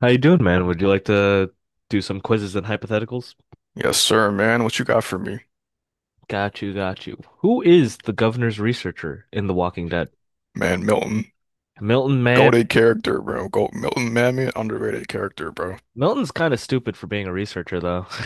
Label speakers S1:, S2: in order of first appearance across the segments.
S1: How you doing, man? Would you like to do some quizzes and hypotheticals?
S2: Yes, sir, man. What you got for me?
S1: Got you, got you. Who is the governor's researcher in The Walking Dead?
S2: Man, Milton.
S1: Milton Mammon.
S2: Goated character, bro. Go Milton, man, man, underrated character, bro.
S1: Milton's kind of stupid for being a researcher, though.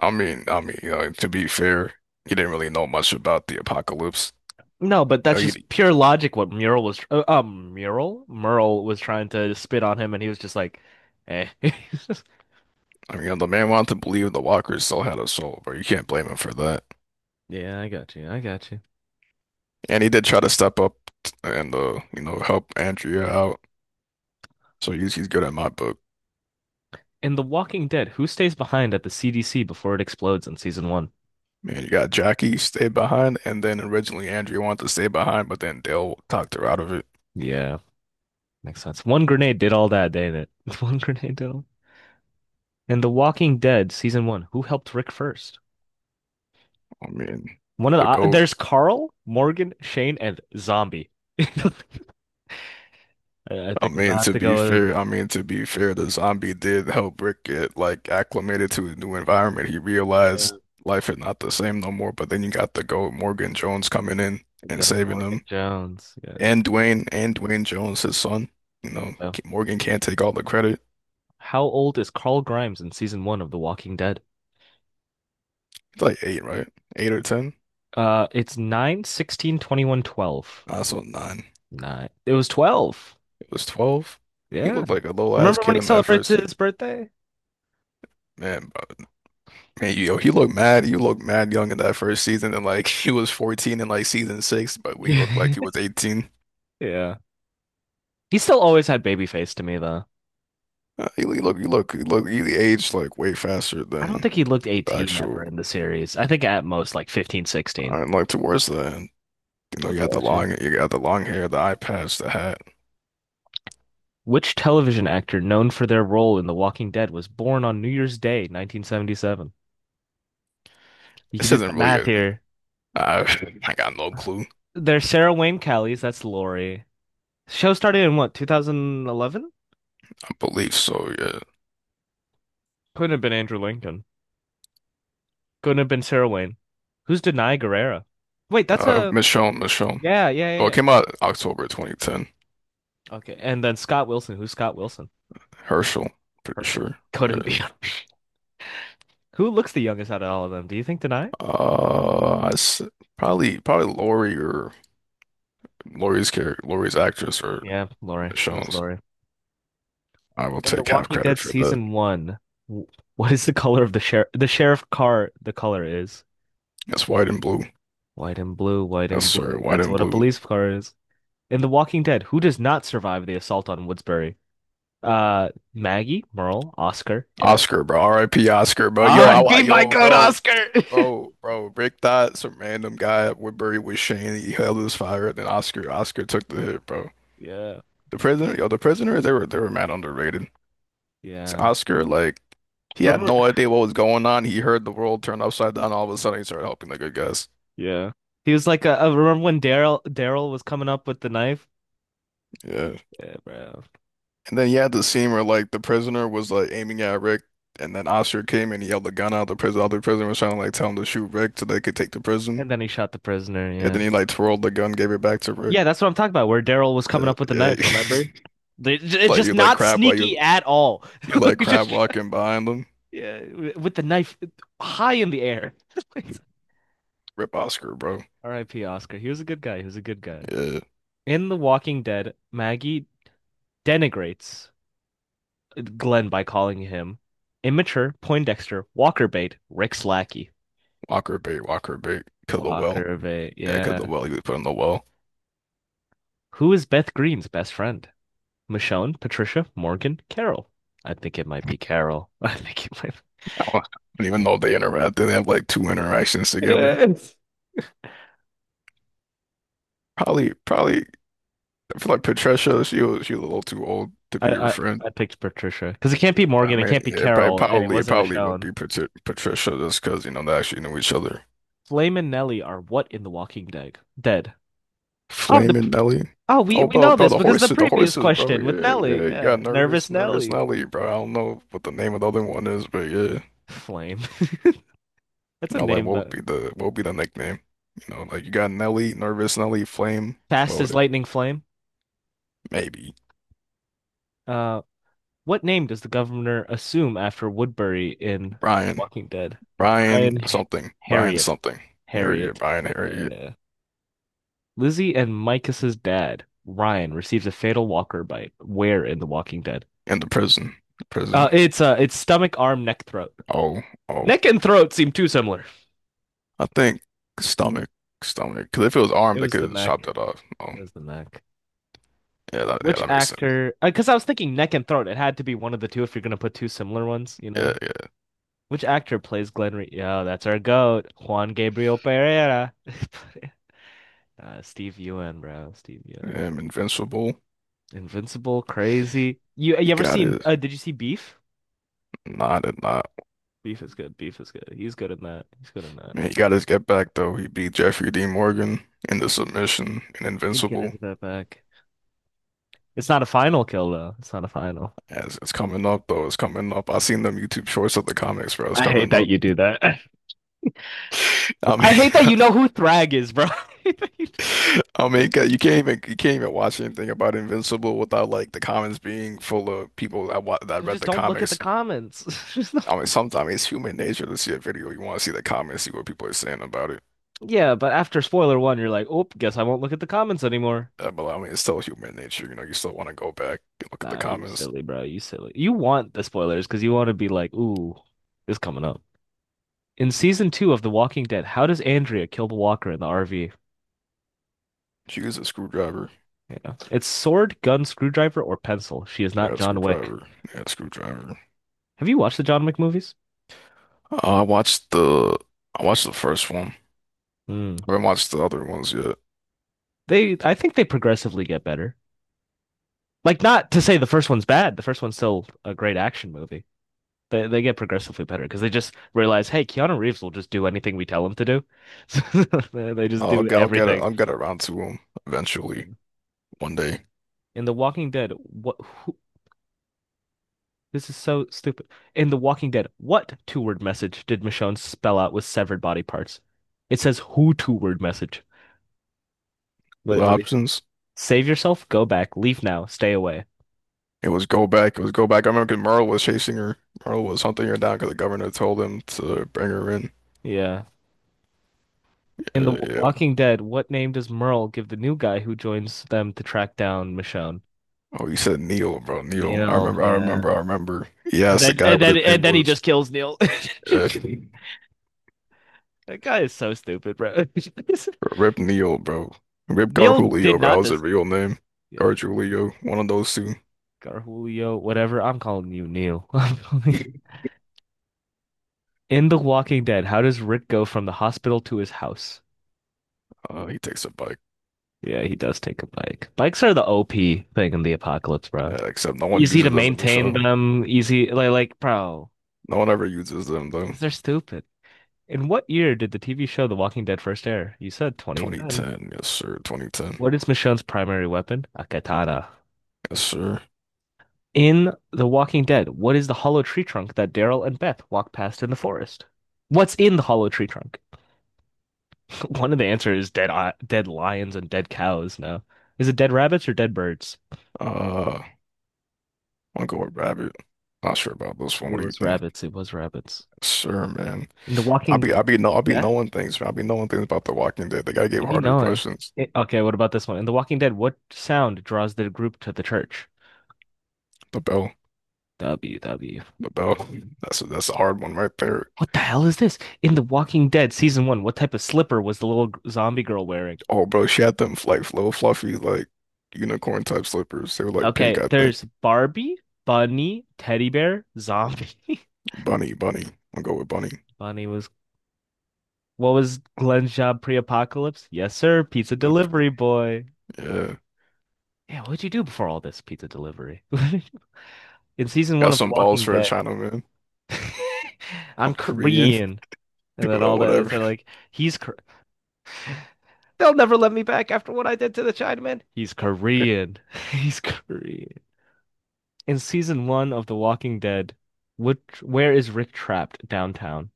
S2: To be fair, he didn't really know much about the apocalypse.
S1: No, but
S2: You
S1: that's
S2: know, he,
S1: just pure logic. What Mural was, Mural, Merle was trying to spit on him, and he was just like, "Eh."
S2: I mean, the man wanted to believe the walkers still had a soul, bro. You can't blame him for that.
S1: Yeah, I got you. I got you.
S2: And he did try to step up and help Andrea out. So he's good in my book.
S1: In The Walking Dead, who stays behind at the CDC before it explodes in season one?
S2: Man, you got Jackie stayed behind, and then originally Andrea wanted to stay behind, but then Dale talked her out of it.
S1: Yeah, makes sense. One grenade did all that, didn't it? One grenade did all. In The Walking Dead season one, who helped Rick first?
S2: I mean,
S1: One of the
S2: the goat.
S1: there's Carl, Morgan, Shane, and Zombie. I I
S2: I
S1: think I'm gonna
S2: mean,
S1: have
S2: to
S1: to
S2: be
S1: go with,
S2: fair, I mean, to be fair, the zombie did help Rick get like acclimated to his new environment. He realized
S1: yeah,
S2: life is not the same no more. But then you got the GOAT Morgan Jones coming in and
S1: go
S2: saving
S1: Morgan
S2: them,
S1: Jones. Yeah.
S2: and Dwayne Jones, his son. You know,
S1: Oh.
S2: Morgan can't take all the credit.
S1: How old is Carl Grimes in season one of The Walking Dead?
S2: He's like eight, right? Eight or ten?
S1: It's nine, 16, 21, 12.
S2: I saw nine.
S1: Nine. It was 12.
S2: It was 12. He
S1: Yeah.
S2: looked like a little ass
S1: Remember when
S2: kid
S1: he
S2: in that
S1: celebrates
S2: first season.
S1: his birthday?
S2: Man, Man, yo, he looked mad. He looked mad young in that first season, and like he was 14 in like season six, but we looked like he was 18.
S1: Yeah. He still always had baby face to me though.
S2: He he aged like way faster
S1: I don't
S2: than
S1: think he looked
S2: the
S1: 18 ever
S2: actual.
S1: in the series. I think at most like 15, 16.
S2: And like towards the end, you know,
S1: 16.
S2: you got the
S1: Gotcha.
S2: long hair, the eye patch, the hat.
S1: Which television actor known for their role in The Walking Dead was born on New Year's Day, 1977? You can
S2: This
S1: do the
S2: isn't really
S1: math
S2: a.
S1: here.
S2: I I got no clue.
S1: There's Sarah Wayne Callies, that's Lori. Show started in what, 2011?
S2: I believe so. Yeah,
S1: Couldn't have been Andrew Lincoln. Couldn't have been Sarah Wayne. Who's Denai Guerrera? Wait, that's
S2: uh,
S1: a
S2: Michonne, Michonne.
S1: yeah, yeah, yeah,
S2: Oh, it
S1: yeah.
S2: came out October 2010.
S1: Okay, and then Scott Wilson. Who's Scott Wilson?
S2: Herschel, pretty
S1: Herschel.
S2: sure. Yeah.
S1: Couldn't be. Who looks the youngest out of all of them? Do you think Denai?
S2: Uh, I s- probably Lori or. Laurie's actress, or
S1: Yeah, Laurie. That was
S2: Sean's.
S1: Laurie.
S2: I will
S1: In The
S2: take half
S1: Walking
S2: credit
S1: Dead
S2: for that.
S1: season one, w- what is the color of the sheriff? The sheriff car, the color is
S2: That's white and blue.
S1: white and blue, white
S2: Yes,
S1: and
S2: sir.
S1: blue.
S2: White
S1: That's
S2: and
S1: what a
S2: blue.
S1: police car is. In The Walking Dead, who does not survive the assault on Woodsbury? Maggie, Merle, Oscar, Daryl.
S2: Oscar, bro. R.I.P. Oscar, bro.
S1: All
S2: Yo,
S1: right,
S2: I,
S1: be my
S2: yo,
S1: goat,
S2: bro,
S1: Oscar.
S2: bro, bro. Rick thought some random guy at Woodbury was Shane. He held his fire, and then Oscar took the hit, bro.
S1: Yeah,
S2: The prisoner. They were mad underrated. So
S1: yeah.
S2: Oscar, like, he had
S1: Remember?
S2: no idea what was going on. He heard the world turn upside down. All of a sudden, he started helping the good guys.
S1: Yeah. He was like, remember when Daryl was coming up with the knife?
S2: Yeah.
S1: Yeah, bro.
S2: And then you had the scene where like the prisoner was like aiming at Rick, and then Oscar came and he yelled the gun out of the prison. All the prisoner was trying to like tell him to shoot Rick so they could take the prison.
S1: And then he shot the prisoner.
S2: And
S1: Yeah.
S2: then he like twirled the gun, gave it back to Rick.
S1: Yeah, that's what I'm talking about, where Daryl was coming
S2: Yeah,
S1: up with the
S2: yeah.
S1: knife, remember? They- It's
S2: Like
S1: just
S2: you like
S1: not
S2: crab while
S1: sneaky
S2: you
S1: at all.
S2: you
S1: Like,
S2: like crab
S1: just,
S2: walking behind them.
S1: yeah, with the knife high in the air.
S2: Rip Oscar, bro.
S1: R.I.P. Oscar. He was a good guy. He was a good guy.
S2: Yeah,
S1: In The Walking Dead, Maggie denigrates Glenn by calling him immature, Poindexter, Walker bait, Rick's lackey.
S2: Walker bait, cause the well.
S1: Walker bait,
S2: Yeah, cause the
S1: yeah.
S2: well he was put in the well.
S1: Who is Beth Greene's best friend? Michonne, Patricia, Morgan, Carol. I think it might be Carol. I think it might.
S2: I don't even know if they interact. They have like two interactions together.
S1: Yes.
S2: Probably. I feel like Patricia. She was a little too old to
S1: I,
S2: be your
S1: I,
S2: friend.
S1: I picked Patricia because it can't be
S2: I
S1: Morgan, it
S2: mean,
S1: can't be
S2: yeah, it prob-
S1: Carol, and it
S2: probably it
S1: wasn't
S2: probably would
S1: Michonne.
S2: be Patricia just because you know they actually knew each other.
S1: Flame and Nelly are what in The Walking Dead? Dead. Oh, the
S2: Flaming Nelly.
S1: oh we
S2: Oh,
S1: we
S2: bro,
S1: know
S2: bro,
S1: this
S2: the
S1: because the
S2: horses, the
S1: previous
S2: horses, bro.
S1: question with
S2: Yeah,
S1: Nelly.
S2: yeah. You got
S1: Yeah, nervous
S2: nervous
S1: Nelly.
S2: Nelly, bro. I don't know what the name of the other one is, but yeah.
S1: Flame. That's
S2: You
S1: a
S2: know, like
S1: name,
S2: what would
S1: though.
S2: be the what would be the nickname? You know, like you got Nelly, nervous Nelly, Flame. What
S1: Fast
S2: would
S1: as
S2: it
S1: lightning flame.
S2: maybe
S1: Uh, what name does the governor assume after Woodbury in
S2: Brian,
S1: Walking Dead? Brian,
S2: Brian something, Brian
S1: Harriet,
S2: something. Harriet,
S1: Harriet.
S2: Brian Harriet
S1: Uh, Lizzie and Micah's dad, Ryan, receives a fatal walker bite. Where in The Walking Dead?
S2: in the prison, the prison.
S1: It's stomach, arm, neck, throat.
S2: Oh, oh.
S1: Neck and throat seem too similar.
S2: I think stomach, stomach. Because if it was arm,
S1: It
S2: they
S1: was
S2: could
S1: the
S2: have
S1: neck. It
S2: chopped that off. Oh,
S1: was the neck.
S2: yeah, that, yeah,
S1: Which
S2: that makes sense.
S1: actor? Because I was thinking neck and throat. It had to be one of the two if you're gonna put two similar ones, you know.
S2: Yeah,
S1: Which actor plays Glenn Re- Yo, that's our goat, Juan Gabriel Pereira. Steve Ewan, bro. Steve
S2: yeah.
S1: Ewan.
S2: Him, Invincible.
S1: Invincible, crazy. You
S2: He
S1: ever
S2: got
S1: seen?
S2: his
S1: Did you see Beef?
S2: not it not.
S1: Beef is good. Beef is good. He's good in that. He's good in that.
S2: Man, he got his get back though. He beat Jeffrey D. Morgan in the submission in
S1: He did get
S2: Invincible.
S1: his bit back. It's not a final kill though. It's not a final.
S2: As it's coming up though, it's coming up. I seen them YouTube shorts of the comics, bro. It's
S1: I hate
S2: coming
S1: that
S2: up.
S1: you do that. I
S2: I
S1: hate that you know who Thrag is, bro.
S2: mean, I mean, 'cause you can't even watch anything about Invincible without like the comments being full of people that
S1: So
S2: read
S1: just
S2: the
S1: don't look at the
S2: comics.
S1: comments. Just not,
S2: I mean, sometimes it's human nature to see a video. You want to see the comments, see what people are saying about it.
S1: yeah, but after spoiler one, you're like, oh, guess I won't look at the comments anymore.
S2: But I mean, it's still human nature. You know, you still want to go back and look at the
S1: Nah, you
S2: comments.
S1: silly, bro. You silly. You want the spoilers because you want to be like, ooh, this is coming up. In season two of The Walking Dead, how does Andrea kill the walker in the RV? You
S2: She used a screwdriver.
S1: know, it's sword, gun, screwdriver, or pencil. She is not
S2: Yeah, a
S1: John Wick.
S2: screwdriver. Yeah, a screwdriver.
S1: Have you watched the John Wick movies?
S2: Uh, I watched the I watched the first one.
S1: Mm.
S2: I haven't watched the other ones yet.
S1: They, I think they progressively get better. Like, not to say the first one's bad. The first one's still a great action movie. They get progressively better because they just realize, hey, Keanu Reeves will just do anything we tell him to do. So they just
S2: Uh, I'll
S1: do
S2: get I'll get a,
S1: everything.
S2: I'll get around to them eventually
S1: Um,
S2: one day.
S1: In The Walking Dead, what? Who, this is so stupid. In The Walking Dead, what two-word message did Michonne spell out with severed body parts? It says who two-word message.
S2: The
S1: What,
S2: options.
S1: save yourself, go back, leave now, stay away.
S2: It was go back. It was go back. I remember 'cause Merle was chasing her. Merle was hunting her down because the governor told him to bring her in.
S1: Yeah. In The
S2: Yeah, yeah.
S1: Walking Dead, what name does Merle give the new guy who joins them to track down Michonne?
S2: Oh, you said Neil, bro. Neil. I
S1: Neil,
S2: remember. I
S1: yeah.
S2: remember. I remember. He
S1: And
S2: asked the
S1: then
S2: guy
S1: and
S2: what
S1: then
S2: his
S1: and
S2: name
S1: then he
S2: was.
S1: just kills Neil.
S2: Yeah.
S1: That guy is so stupid, bro.
S2: Rip Neil, bro. Rip
S1: Neil
S2: Garjulio,
S1: did
S2: bro. That
S1: not
S2: was his
S1: this.
S2: real name.
S1: Yeah,
S2: Garjulio, one of those two.
S1: Garhulio, whatever. I'm calling you Neil. In The Walking Dead, how does Rick go from the hospital to his house?
S2: He takes a bike.
S1: Yeah, he does take a bike. Bikes are the OP thing in the apocalypse, bro.
S2: Except no one
S1: Easy to
S2: uses them in the
S1: maintain
S2: show.
S1: them, easy like bro,
S2: No one ever uses them though.
S1: 'cause they're stupid. In what year did the TV show The Walking Dead first air? You said 2010.
S2: 2010, yes sir. 2010,
S1: What is Michonne's primary weapon? A katana.
S2: yes sir.
S1: In The Walking Dead, what is the hollow tree trunk that Daryl and Beth walk past in the forest? What's in the hollow tree trunk? One of the answers is dead lions and dead cows. No. Is it dead rabbits or dead birds?
S2: Uh, I'll go with Rabbit. Not sure about this one.
S1: It
S2: What do you
S1: was
S2: think?
S1: rabbits. It was rabbits.
S2: Yes, sir, man.
S1: In The Walking,
S2: I'll be, no, I'll be
S1: yeah,
S2: knowing things, man. I'll be knowing things about The Walking Dead. They gotta give
S1: you be
S2: harder
S1: knowing.
S2: questions.
S1: Eh, okay, what about this one? In The Walking Dead, what sound draws the group to the church?
S2: The bell.
S1: W W.
S2: But bro, that's a hard one right there.
S1: What the hell is this? In The Walking Dead season one, what type of slipper was the little zombie girl wearing?
S2: Oh, bro, she had them like little fluffy like unicorn type slippers. They were like pink,
S1: Okay,
S2: I think.
S1: there's Barbie, bunny, teddy bear, zombie.
S2: Bunny. I'll go with bunny.
S1: Bunny was what was Glenn's job pre-apocalypse? Yes, sir, pizza
S2: Yep.
S1: delivery boy.
S2: Yeah,
S1: Yeah, what'd you do before all this pizza delivery? In season one
S2: got
S1: of The
S2: some balls
S1: Walking
S2: for a
S1: Dead,
S2: Chinaman.
S1: I'm
S2: I'm Korean,
S1: Korean, and then
S2: well,
S1: all the editors
S2: whatever.
S1: are like, he's Kor- they'll never let me back after what I did to the Chinaman. He's Korean. He's Korean. In season one of The Walking Dead, which where is Rick trapped downtown?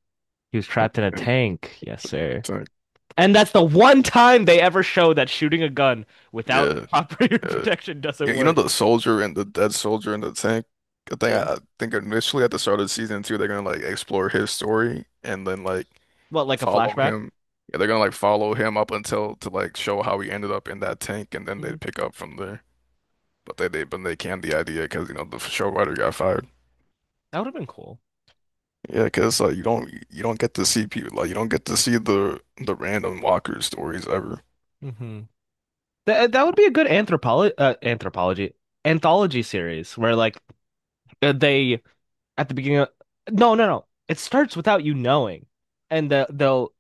S1: He was trapped in a tank. Yes, sir.
S2: Tank.
S1: And that's the one time they ever show that shooting a gun without
S2: Yeah,
S1: proper
S2: yeah,
S1: protection doesn't
S2: yeah. You know
S1: work.
S2: the soldier and the dead soldier in the tank. I think
S1: Yeah.
S2: I think initially at the start of the season two, they're gonna like explore his story and then like
S1: Well, like a
S2: follow
S1: flashback?
S2: him. Yeah, they're gonna like follow him up until to like show how he ended up in that tank, and then they
S1: Hmm.
S2: would pick up from there. But they canned the idea because you know the show writer got fired.
S1: That would have been cool.
S2: Yeah, because like you don't get to see people like you don't get to see the random Walker stories ever.
S1: Hmm. That that would be a good anthropology anthology series where like, they, at the beginning of, no, no, no. It starts without you knowing. And they'll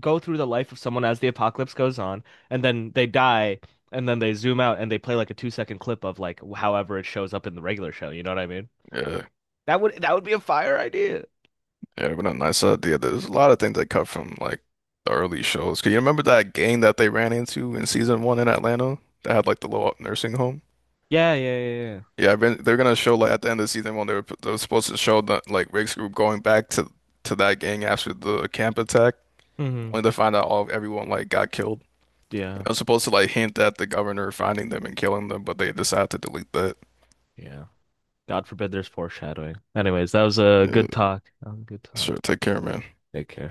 S1: go through the life of someone as the apocalypse goes on, and then they die, and then they zoom out and they play like a 2-second clip of like however it shows up in the regular show. You know what I mean?
S2: Yeah,
S1: That would, that would be a fire idea.
S2: yeah, but a nice idea. There's a lot of things that cut from like the early shows. Can you remember that gang that they ran into in season one in Atlanta that had like the little nursing home?
S1: Yeah, yeah, yeah,
S2: Yeah, I've been, they're gonna show like at the end of the season when they were supposed to show the like Riggs group going back to that gang after the camp attack,
S1: yeah. Hmm.
S2: only to find out all everyone like got killed.
S1: Yeah,
S2: It was supposed to like hint at the governor finding them and killing them, but they decided to delete that.
S1: yeah. God forbid there's foreshadowing. Anyways, that was a
S2: Yeah,
S1: good talk. That was a good talk.
S2: sure, take care, man.
S1: Take care.